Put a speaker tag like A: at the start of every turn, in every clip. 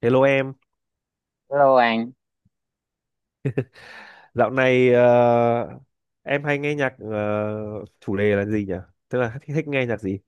A: Hello em,
B: Hello anh.
A: dạo này
B: Ừ,
A: em hay nghe nhạc, chủ đề là gì nhỉ? Tức là thích nghe nhạc gì?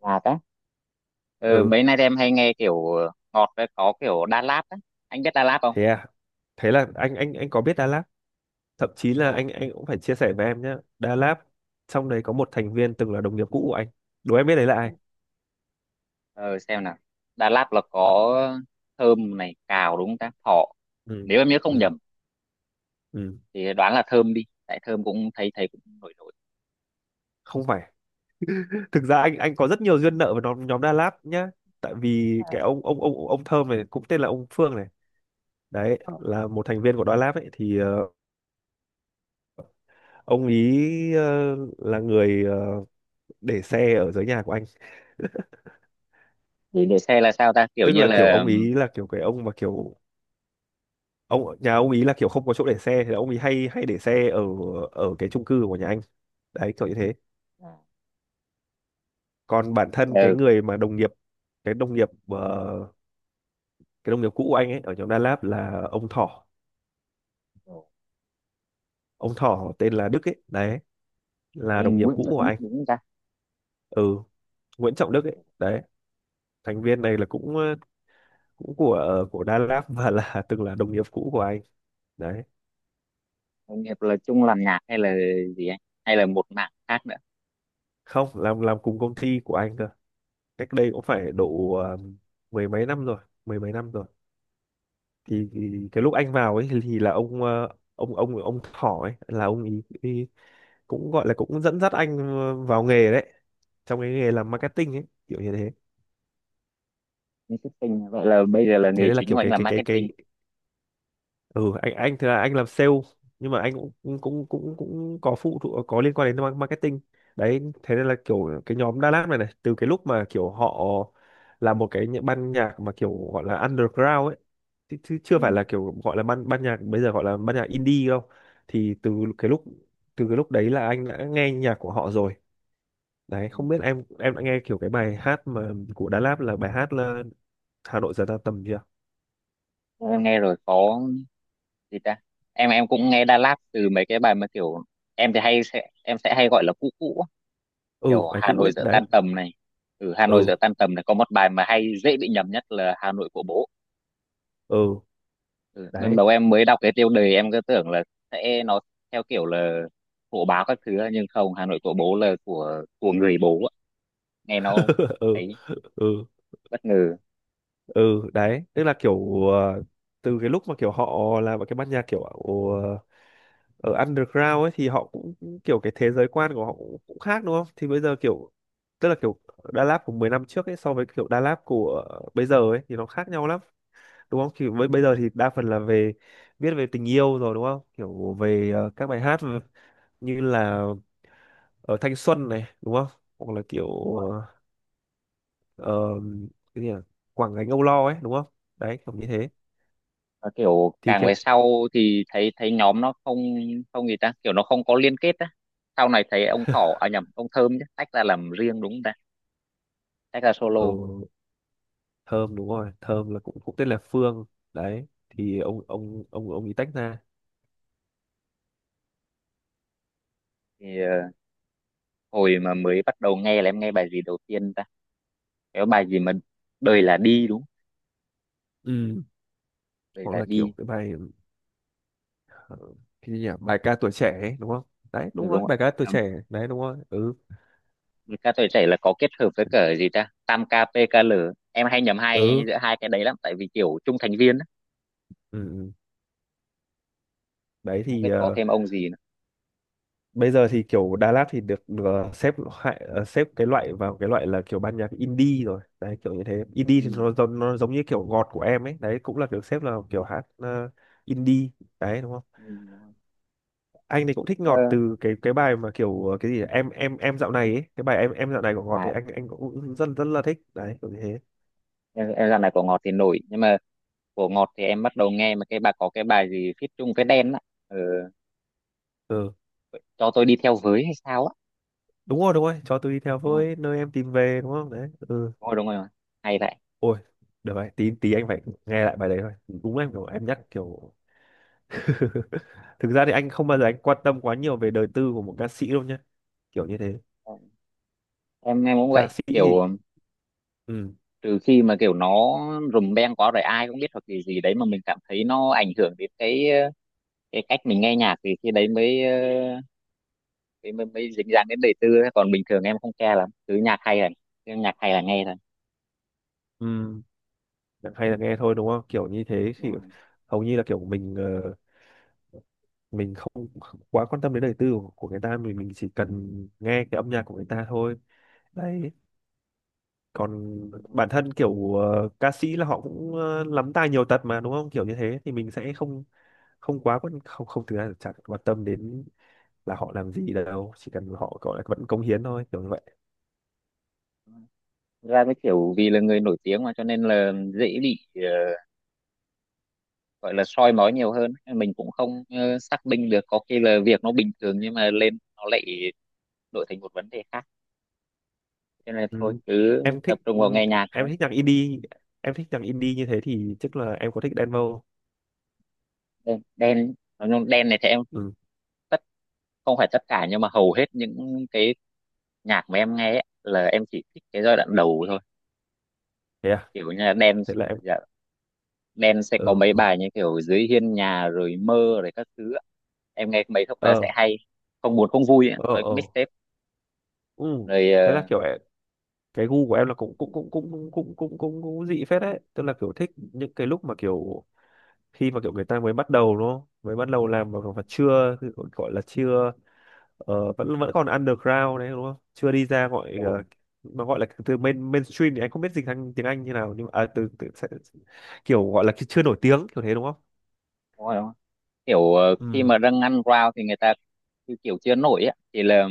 B: ngọt á. Ừ,
A: Ừ,
B: mấy nay em hay nghe kiểu ngọt với có kiểu Đà Lạt á. Anh biết Đà Lạt không?
A: thế à? Thế là anh có biết Đà Lạt, thậm chí là
B: Ồ.
A: anh cũng phải chia sẻ với em nhé. Đà Lạt trong đấy có một thành viên từng là đồng nghiệp cũ của anh. Đố em biết đấy là ai?
B: Ừ. Ờ, xem nào. Đà Lạt là có thơm này, cào đúng không ta? Thọ.
A: Ừ,
B: Nếu em nhớ không
A: ừ,
B: nhầm
A: ừ,
B: thì đoán là thơm đi. Tại thơm cũng thấy thấy cũng nổi nổi.
A: không phải. Thực ra anh có rất nhiều duyên nợ với nhóm nhóm Đà Lạt nhá. Tại vì cái ông Thơm này cũng tên là ông Phương này. Đấy
B: Ờ.
A: là một thành viên của Đà Lạt ấy thì, ông ý là người, để xe ở dưới nhà của anh.
B: Thì để xe là sao ta? Kiểu
A: Tức
B: như
A: là kiểu
B: là
A: ông ý là kiểu cái ông mà kiểu ông nhà ông ý là kiểu không có chỗ để xe thì ông ý hay hay để xe ở ở cái chung cư của nhà anh, đấy kiểu như thế.
B: à,
A: Còn bản thân cái
B: ừ,
A: người mà đồng nghiệp, cái đồng nghiệp, cái đồng nghiệp cũ của anh ấy ở nhóm Đà Lạt là ông Thỏ.
B: ừ.
A: Ông Thỏ tên là Đức ấy, đấy là đồng nghiệp
B: Nguyễn
A: cũ của
B: Trọng biết
A: anh.
B: đúng không ta?
A: Ừ, Nguyễn Trọng Đức ấy đấy, thành viên này là cũng, cũng của, của Đà Lạt và là từng là đồng nghiệp cũ của anh đấy.
B: Anh Hiệp là chung làm nhạc hay là gì anh? Hay là một mảng khác nữa?
A: Không, làm làm cùng công ty của anh cơ, cách đây cũng phải độ, mười mấy năm rồi, mười mấy năm rồi. Thì
B: Ừ,
A: cái lúc anh vào ấy thì là ông, ông Thỏ ấy là ông ý cũng gọi là cũng dẫn dắt anh, vào nghề đấy, trong cái nghề làm
B: ừ.
A: marketing ấy, kiểu như thế.
B: Marketing. Vậy là bây giờ là
A: Thế
B: nghề
A: nên là
B: chính của
A: kiểu
B: anh
A: cái
B: là
A: cái cái cái
B: marketing.
A: ừ, anh thì là anh làm sale, nhưng mà anh cũng cũng cũng cũng, có phụ thuộc, có liên quan đến marketing đấy. Thế nên là kiểu cái nhóm Đà Lạt này này từ cái lúc mà kiểu họ là một cái ban nhạc mà kiểu gọi là underground ấy, chứ chưa phải
B: Ừ.
A: là kiểu gọi là ban ban nhạc, bây giờ gọi là ban nhạc indie đâu. Thì từ cái lúc, từ cái lúc đấy là anh đã nghe nhạc của họ rồi đấy.
B: Ừ.
A: Không biết em đã nghe kiểu cái bài hát mà của Đà Lạt là bài hát là Hà Nội giờ ta tầm chưa?
B: Em nghe rồi, có gì ta, em cũng nghe Đà Lạt từ mấy cái bài mà kiểu em thì hay sẽ em sẽ hay gọi là cũ cũ á.
A: Ừ,
B: Kiểu
A: bài
B: Hà
A: cũ
B: Nội
A: ấy
B: giữa
A: đấy.
B: tan tầm này, ừ, Hà Nội
A: Ừ,
B: giữa tan tầm này có một bài mà hay dễ bị nhầm nhất là Hà Nội của bố.
A: ừ,
B: Ừ, ban
A: đấy.
B: đầu em mới đọc cái tiêu đề em cứ tưởng là sẽ nó theo kiểu là hộ báo các thứ á, nhưng không, Hà Nội của bố là của người bố á. Nghe nó
A: Ừ,
B: ấy,
A: ừ,
B: bất ngờ.
A: ừ, đấy. Tức là kiểu, từ cái lúc mà kiểu họ là một cái ban nhạc kiểu ở, ở underground ấy, thì họ cũng cũng kiểu cái thế giới quan của họ cũng khác đúng không. Thì bây giờ kiểu, tức là kiểu Đà Lạt của 10 năm trước ấy so với kiểu Đà Lạt của bây giờ ấy thì nó khác nhau lắm đúng không. Thì với bây giờ thì đa phần là về viết về tình yêu rồi đúng không, kiểu về, các bài hát như là, thanh xuân này đúng không, hoặc là kiểu,
B: Ừ.
A: ờ, ờ, cái gì nhỉ? Quảng gánh âu lo ấy đúng không, đấy kiểu như thế.
B: Và kiểu
A: Thì
B: càng
A: cái
B: về sau thì thấy thấy nhóm nó không, không gì ta, kiểu nó không có liên kết á. Sau này thấy ông Thỏ, à nhầm, ông Thơm chứ, tách ra làm riêng đúng không ta, tách ra solo.
A: ừ, thơm đúng rồi, thơm là cũng cũng tên là Phương đấy. Thì ông ấy tách ra.
B: Thì hồi mà mới bắt đầu nghe là em nghe bài gì đầu tiên ta, cái bài gì mà đời là đi đúng không?
A: Ừ,
B: Đời
A: hoặc
B: là
A: là kiểu
B: đi.
A: cái bài, ờ, cái gì nhỉ, bài ca tuổi trẻ ấy, đúng không, đấy
B: Ừ,
A: đúng
B: đúng
A: rồi,
B: không
A: bài ca tuổi
B: ạ. À,
A: trẻ đấy, đúng rồi. Ừ,
B: với ca tuổi trẻ là có kết hợp với cả gì ta tam KPKL. Em hay nhầm hai
A: ừ,
B: giữa hai cái đấy lắm tại vì kiểu chung thành viên á.
A: ừ, ừ, đấy
B: Không
A: thì,
B: biết có thêm ông gì nữa.
A: bây giờ thì kiểu Đà Lạt thì được, xếp loại, xếp cái loại vào cái loại là kiểu ban nhạc indie rồi đấy, kiểu như thế. Indie
B: Ừ.
A: thì nó giống như kiểu ngọt của em ấy đấy, cũng là kiểu xếp là kiểu hát, indie đấy đúng không.
B: Ừ, đúng
A: Anh thì cũng thích
B: rồi.
A: ngọt
B: Ờ,
A: từ cái bài mà kiểu, cái gì, em dạo này ấy. Cái bài em dạo này của ngọt thì
B: lại
A: anh cũng rất rất là thích đấy, kiểu như thế.
B: em dạo này của ngọt thì nổi, nhưng mà của Ngọt thì em bắt đầu nghe mà cái bà có cái bài gì feat chung với Đen á, ừ,
A: Ừ,
B: cho tôi đi theo với hay sao á.
A: đúng rồi, đúng rồi, cho tôi đi theo
B: Đúng rồi,
A: với nơi em tìm về đúng không đấy. Ừ,
B: đúng rồi, đúng rồi. Hay vậy.
A: ôi, được rồi, tí tí anh phải nghe lại bài đấy thôi. Đúng, em kiểu em nhắc kiểu thực ra thì anh không bao giờ anh quan tâm quá nhiều về đời tư của một ca sĩ đâu nhá, kiểu như thế.
B: Ừ, em cũng
A: Ca
B: vậy,
A: sĩ thì
B: kiểu
A: ừ,
B: trừ khi mà kiểu nó rùm beng quá rồi ai cũng biết hoặc gì gì đấy mà mình cảm thấy nó ảnh hưởng đến cái cái cách mình nghe nhạc thì khi đấy mới mới dính dáng đến đời tư ấy. Còn bình thường em không care lắm, cứ nhạc hay là cứ nhạc hay là nghe thôi.
A: ừ, hay là nghe thôi đúng không, kiểu như thế.
B: Đúng
A: Thì
B: rồi,
A: hầu như là kiểu mình, ờ, mình không quá quan tâm đến đời tư của người ta, mình chỉ cần nghe cái âm nhạc của người ta thôi đấy. Còn
B: đúng rồi.
A: bản thân kiểu, ca sĩ là họ cũng, lắm tài nhiều tật mà đúng không, kiểu như thế. Thì mình sẽ không, không quá quan không không thực ra là chả quan tâm đến là họ làm gì đâu, chỉ cần họ gọi là vẫn cống hiến thôi, kiểu như vậy.
B: Đúng rồi. Thực ra cái kiểu vì là người nổi tiếng mà cho nên là dễ bị gọi là soi mói nhiều hơn, mình cũng không xác minh được, có khi là việc nó bình thường nhưng mà lên nó lại đổi thành một vấn đề khác, cho nên thôi
A: Ừ,
B: cứ
A: em
B: tập
A: thích
B: trung vào
A: ừ,
B: nghe nhạc
A: em
B: thôi.
A: thích nhạc indie, em thích nhạc indie như thế thì chắc là em có thích Đen Vâu.
B: Đen, đen nói chung đen này thì em
A: Ừ,
B: tất, không phải tất cả nhưng mà hầu hết những cái nhạc mà em nghe ấy, là em chỉ thích cái giai đoạn đầu thôi,
A: thế à,
B: kiểu như là đen.
A: thế là em
B: Dạ, đen sẽ
A: ờ,
B: có mấy
A: ừ,
B: bài như kiểu dưới hiên nhà rồi mơ rồi các thứ ạ. Em nghe mấy khúc đó
A: ờ
B: sẽ hay, không buồn không vui ấy,
A: ờ
B: với cái
A: ờ,
B: mixtape.
A: ừ.
B: Rồi
A: Thế là kiểu cái gu của em là
B: ừ,
A: cũng dị phết đấy, tức là kiểu thích những cái lúc mà kiểu khi mà kiểu người ta mới bắt đầu đúng không, mới bắt đầu làm mà chưa gọi là chưa, vẫn vẫn còn underground đấy đúng không, chưa đi ra gọi,
B: đúng rồi,
A: mà gọi là từ mainstream thì anh không biết dịch sang tiếng Anh như nào nhưng mà à, từ, từ sẽ, kiểu gọi là chưa nổi tiếng kiểu thế đúng không.
B: đúng rồi. Kiểu khi
A: Ừ,
B: mà dâng ăn rau thì người ta kiểu, kiểu chưa nổi á thì là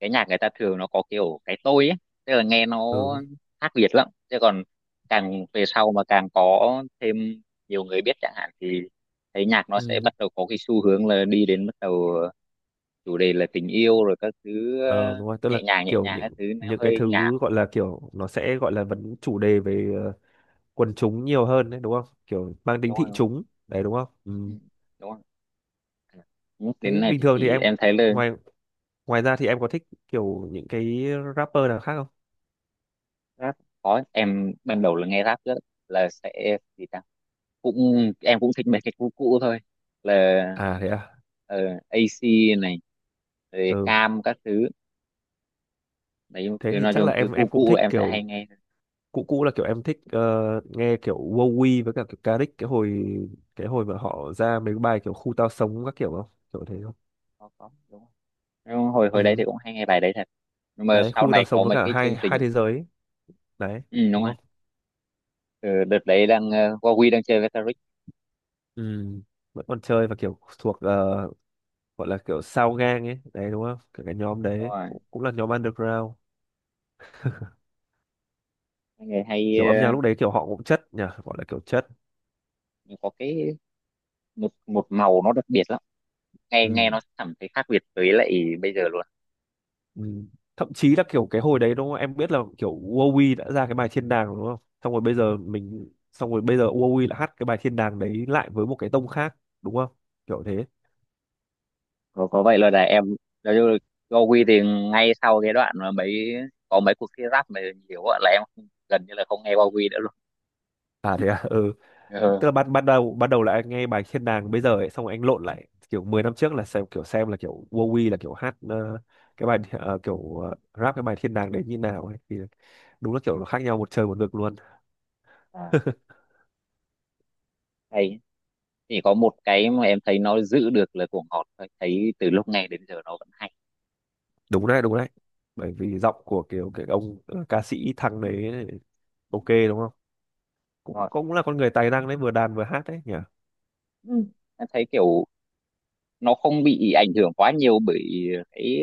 B: cái nhạc người ta thường nó có kiểu cái tôi ấy, tức là nghe nó
A: ừ,
B: khác biệt lắm, chứ còn càng về sau mà càng có thêm nhiều người biết chẳng hạn thì thấy nhạc nó sẽ
A: ừ,
B: bắt đầu có cái xu hướng là đi đến bắt đầu chủ đề là tình yêu rồi các thứ,
A: ờ đúng rồi, tức là
B: nhẹ
A: kiểu
B: nhàng các thứ, nó
A: những cái
B: hơi nhảm.
A: thứ gọi là kiểu nó sẽ gọi là vấn chủ đề về, quần chúng nhiều hơn đấy đúng không, kiểu mang tính
B: Đúng rồi,
A: thị
B: đúng rồi.
A: chúng đấy đúng không.
B: Ừ,
A: Ừ,
B: đúng không. Nhắc đến
A: thế
B: này
A: bình
B: thì
A: thường thì
B: chỉ
A: em
B: em thấy là
A: ngoài, ngoài ra thì em có thích kiểu những cái rapper nào khác không?
B: rap, có, em ban đầu là nghe rap rất là sẽ gì ta, cũng em cũng thích mấy cái cũ cũ thôi, là
A: À thế à,
B: ờ, AC này rồi
A: ừ,
B: cam các thứ. Đấy,
A: thế
B: cứ
A: thì
B: nói
A: chắc
B: chung
A: là
B: cứ
A: em
B: cũ
A: cũng
B: cũ
A: thích
B: em sẽ
A: kiểu
B: hay nghe thôi.
A: cũ cũ, là kiểu em thích, nghe kiểu Wowy với cả kiểu Karik cái hồi, cái hồi mà họ ra mấy cái bài kiểu khu tao sống các kiểu, không kiểu thế không.
B: Có đúng không, nhưng hồi hồi đấy thì
A: Ừ,
B: cũng hay nghe bài đấy thật, nhưng mà
A: đấy
B: sau
A: khu
B: này
A: tao sống
B: có
A: với
B: mấy
A: cả
B: cái chương
A: hai hai
B: trình.
A: thế giới ấy, đấy
B: Ừ, đúng
A: đúng
B: rồi.
A: không.
B: Ừ, đợt đấy đang Huawei đang chơi với Taric.
A: Ừ, vẫn còn chơi và kiểu thuộc, gọi là kiểu sao gang ấy đấy đúng không, kiểu cái nhóm
B: Đúng
A: đấy
B: rồi.
A: cũng là nhóm underground,
B: Mấy người hay
A: kiểu âm nhạc lúc đấy kiểu họ cũng chất nhỉ, gọi là kiểu chất.
B: nhưng có cái một một màu nó đặc biệt lắm, nghe nghe
A: Ừ,
B: nó cảm thấy khác biệt với lại bây giờ luôn.
A: ừ. Thậm chí là kiểu cái hồi đấy đúng không, em biết là kiểu Wowy đã ra cái bài thiên đàng đúng không, xong
B: Ừ.
A: rồi bây giờ Wowy lại hát cái bài thiên đàng đấy lại với một cái tông khác đúng không, kiểu thế.
B: Có vậy là em nói chung là Gowi thì ngay sau cái đoạn mà mấy, có mấy cuộc thi rap mà nhiều á là em không- gần như là không nghe Go quy nữa luôn.
A: À thế à, ừ, tức
B: Ừ.
A: là ban ban đầu, ban đầu là anh nghe bài Thiên Đàng bây giờ ấy, xong rồi anh lộn lại kiểu 10 năm trước là xem kiểu xem là kiểu Wowy là kiểu hát, cái bài, kiểu, rap cái bài Thiên Đàng đấy như nào ấy, thì đúng là kiểu nó khác nhau một trời một vực luôn.
B: À, hay, chỉ có một cái mà em thấy nó giữ được là cuồng họt thôi, thấy từ lúc nghe đến giờ nó vẫn hay.
A: Đúng đấy, đúng đấy, bởi vì giọng của kiểu cái ông, ca sĩ thằng
B: Đúng.
A: đấy
B: Ừ,
A: ok đúng không, cũng
B: rồi.
A: cũng là con người tài năng đấy, vừa đàn vừa hát đấy nhỉ.
B: Ừ. Em thấy kiểu nó không bị ảnh hưởng quá nhiều bởi cái,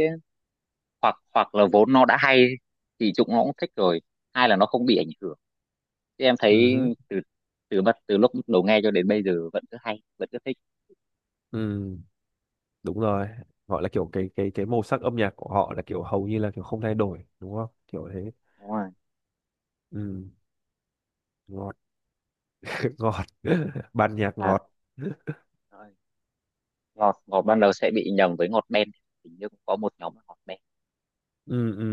B: hoặc hoặc là vốn nó đã hay thì chúng nó cũng thích rồi, hai là nó không bị ảnh hưởng. Thì em
A: Ừ
B: thấy
A: hứ,
B: từ, từ bắt từ lúc đầu nghe cho đến bây giờ vẫn cứ hay vẫn cứ thích.
A: ừ đúng rồi, gọi là kiểu cái cái màu sắc âm nhạc của họ là kiểu hầu như là kiểu không thay đổi đúng không, kiểu thế.
B: Đúng rồi.
A: Ừ, đúng rồi. Ngọt ban nhạc
B: À,
A: ngọt.
B: rồi. Ngọt, ngọt ban đầu sẽ bị nhầm với ngọt đen, hình như cũng có một nhóm là ngọt đen.
A: Ừ, ừ,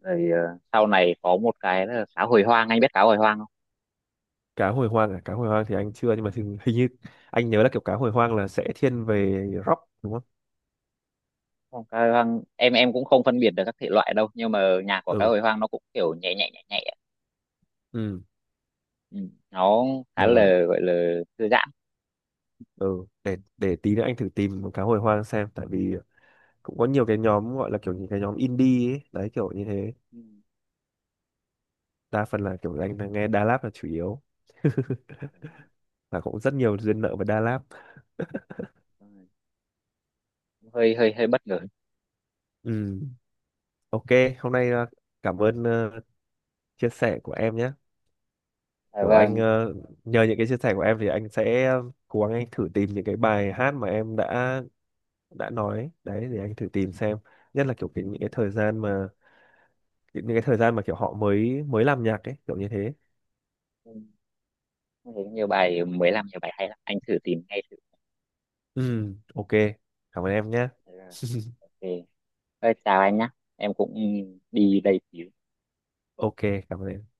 B: Rồi sau này có một cái là cá hồi hoang, anh biết cá hồi hoang không?
A: cá hồi hoang à, cá hồi hoang thì anh chưa,
B: Ừ.
A: nhưng mà thì, hình như anh nhớ là kiểu cá hồi hoang là sẽ thiên về rock đúng không.
B: Không, cá hồi hoang em cũng không phân biệt được các thể loại đâu, nhưng mà nhạc của cá
A: Ừ,
B: hồi hoang nó cũng kiểu nhẹ nhẹ nhẹ nhẹ.
A: ừ,
B: Ừ. Nó khá
A: được rồi,
B: là gọi là thư giãn.
A: ừ, để tí nữa anh thử tìm cá hồi hoang xem, tại vì cũng có nhiều cái nhóm gọi là kiểu những cái nhóm indie ấy, đấy kiểu như thế.
B: Ừ.
A: Đa phần là kiểu anh là nghe Da Lab là chủ yếu và cũng rất nhiều duyên nợ với Da Lab.
B: Hơi hơi hơi bất ngờ.
A: Ừ, ok, hôm nay, cảm ơn, chia sẻ của em nhé.
B: À,
A: Kiểu anh,
B: vâng.
A: nhờ những cái chia sẻ của em thì anh sẽ cố gắng anh thử tìm những cái bài hát mà em đã nói đấy, để anh thử tìm xem. Nhất là kiểu cái, những cái thời gian mà, những cái thời gian mà kiểu họ mới mới làm nhạc ấy kiểu như thế.
B: Ừ. Em thấy nhiều bài mới làm nhiều bài hay lắm, anh thử tìm ngay thử.
A: Ừ, ok, cảm ơn em nhé.
B: Ừ. Ok. Thôi, chào anh nhá, em cũng đi đây xíu.
A: Ok, cảm ơn em.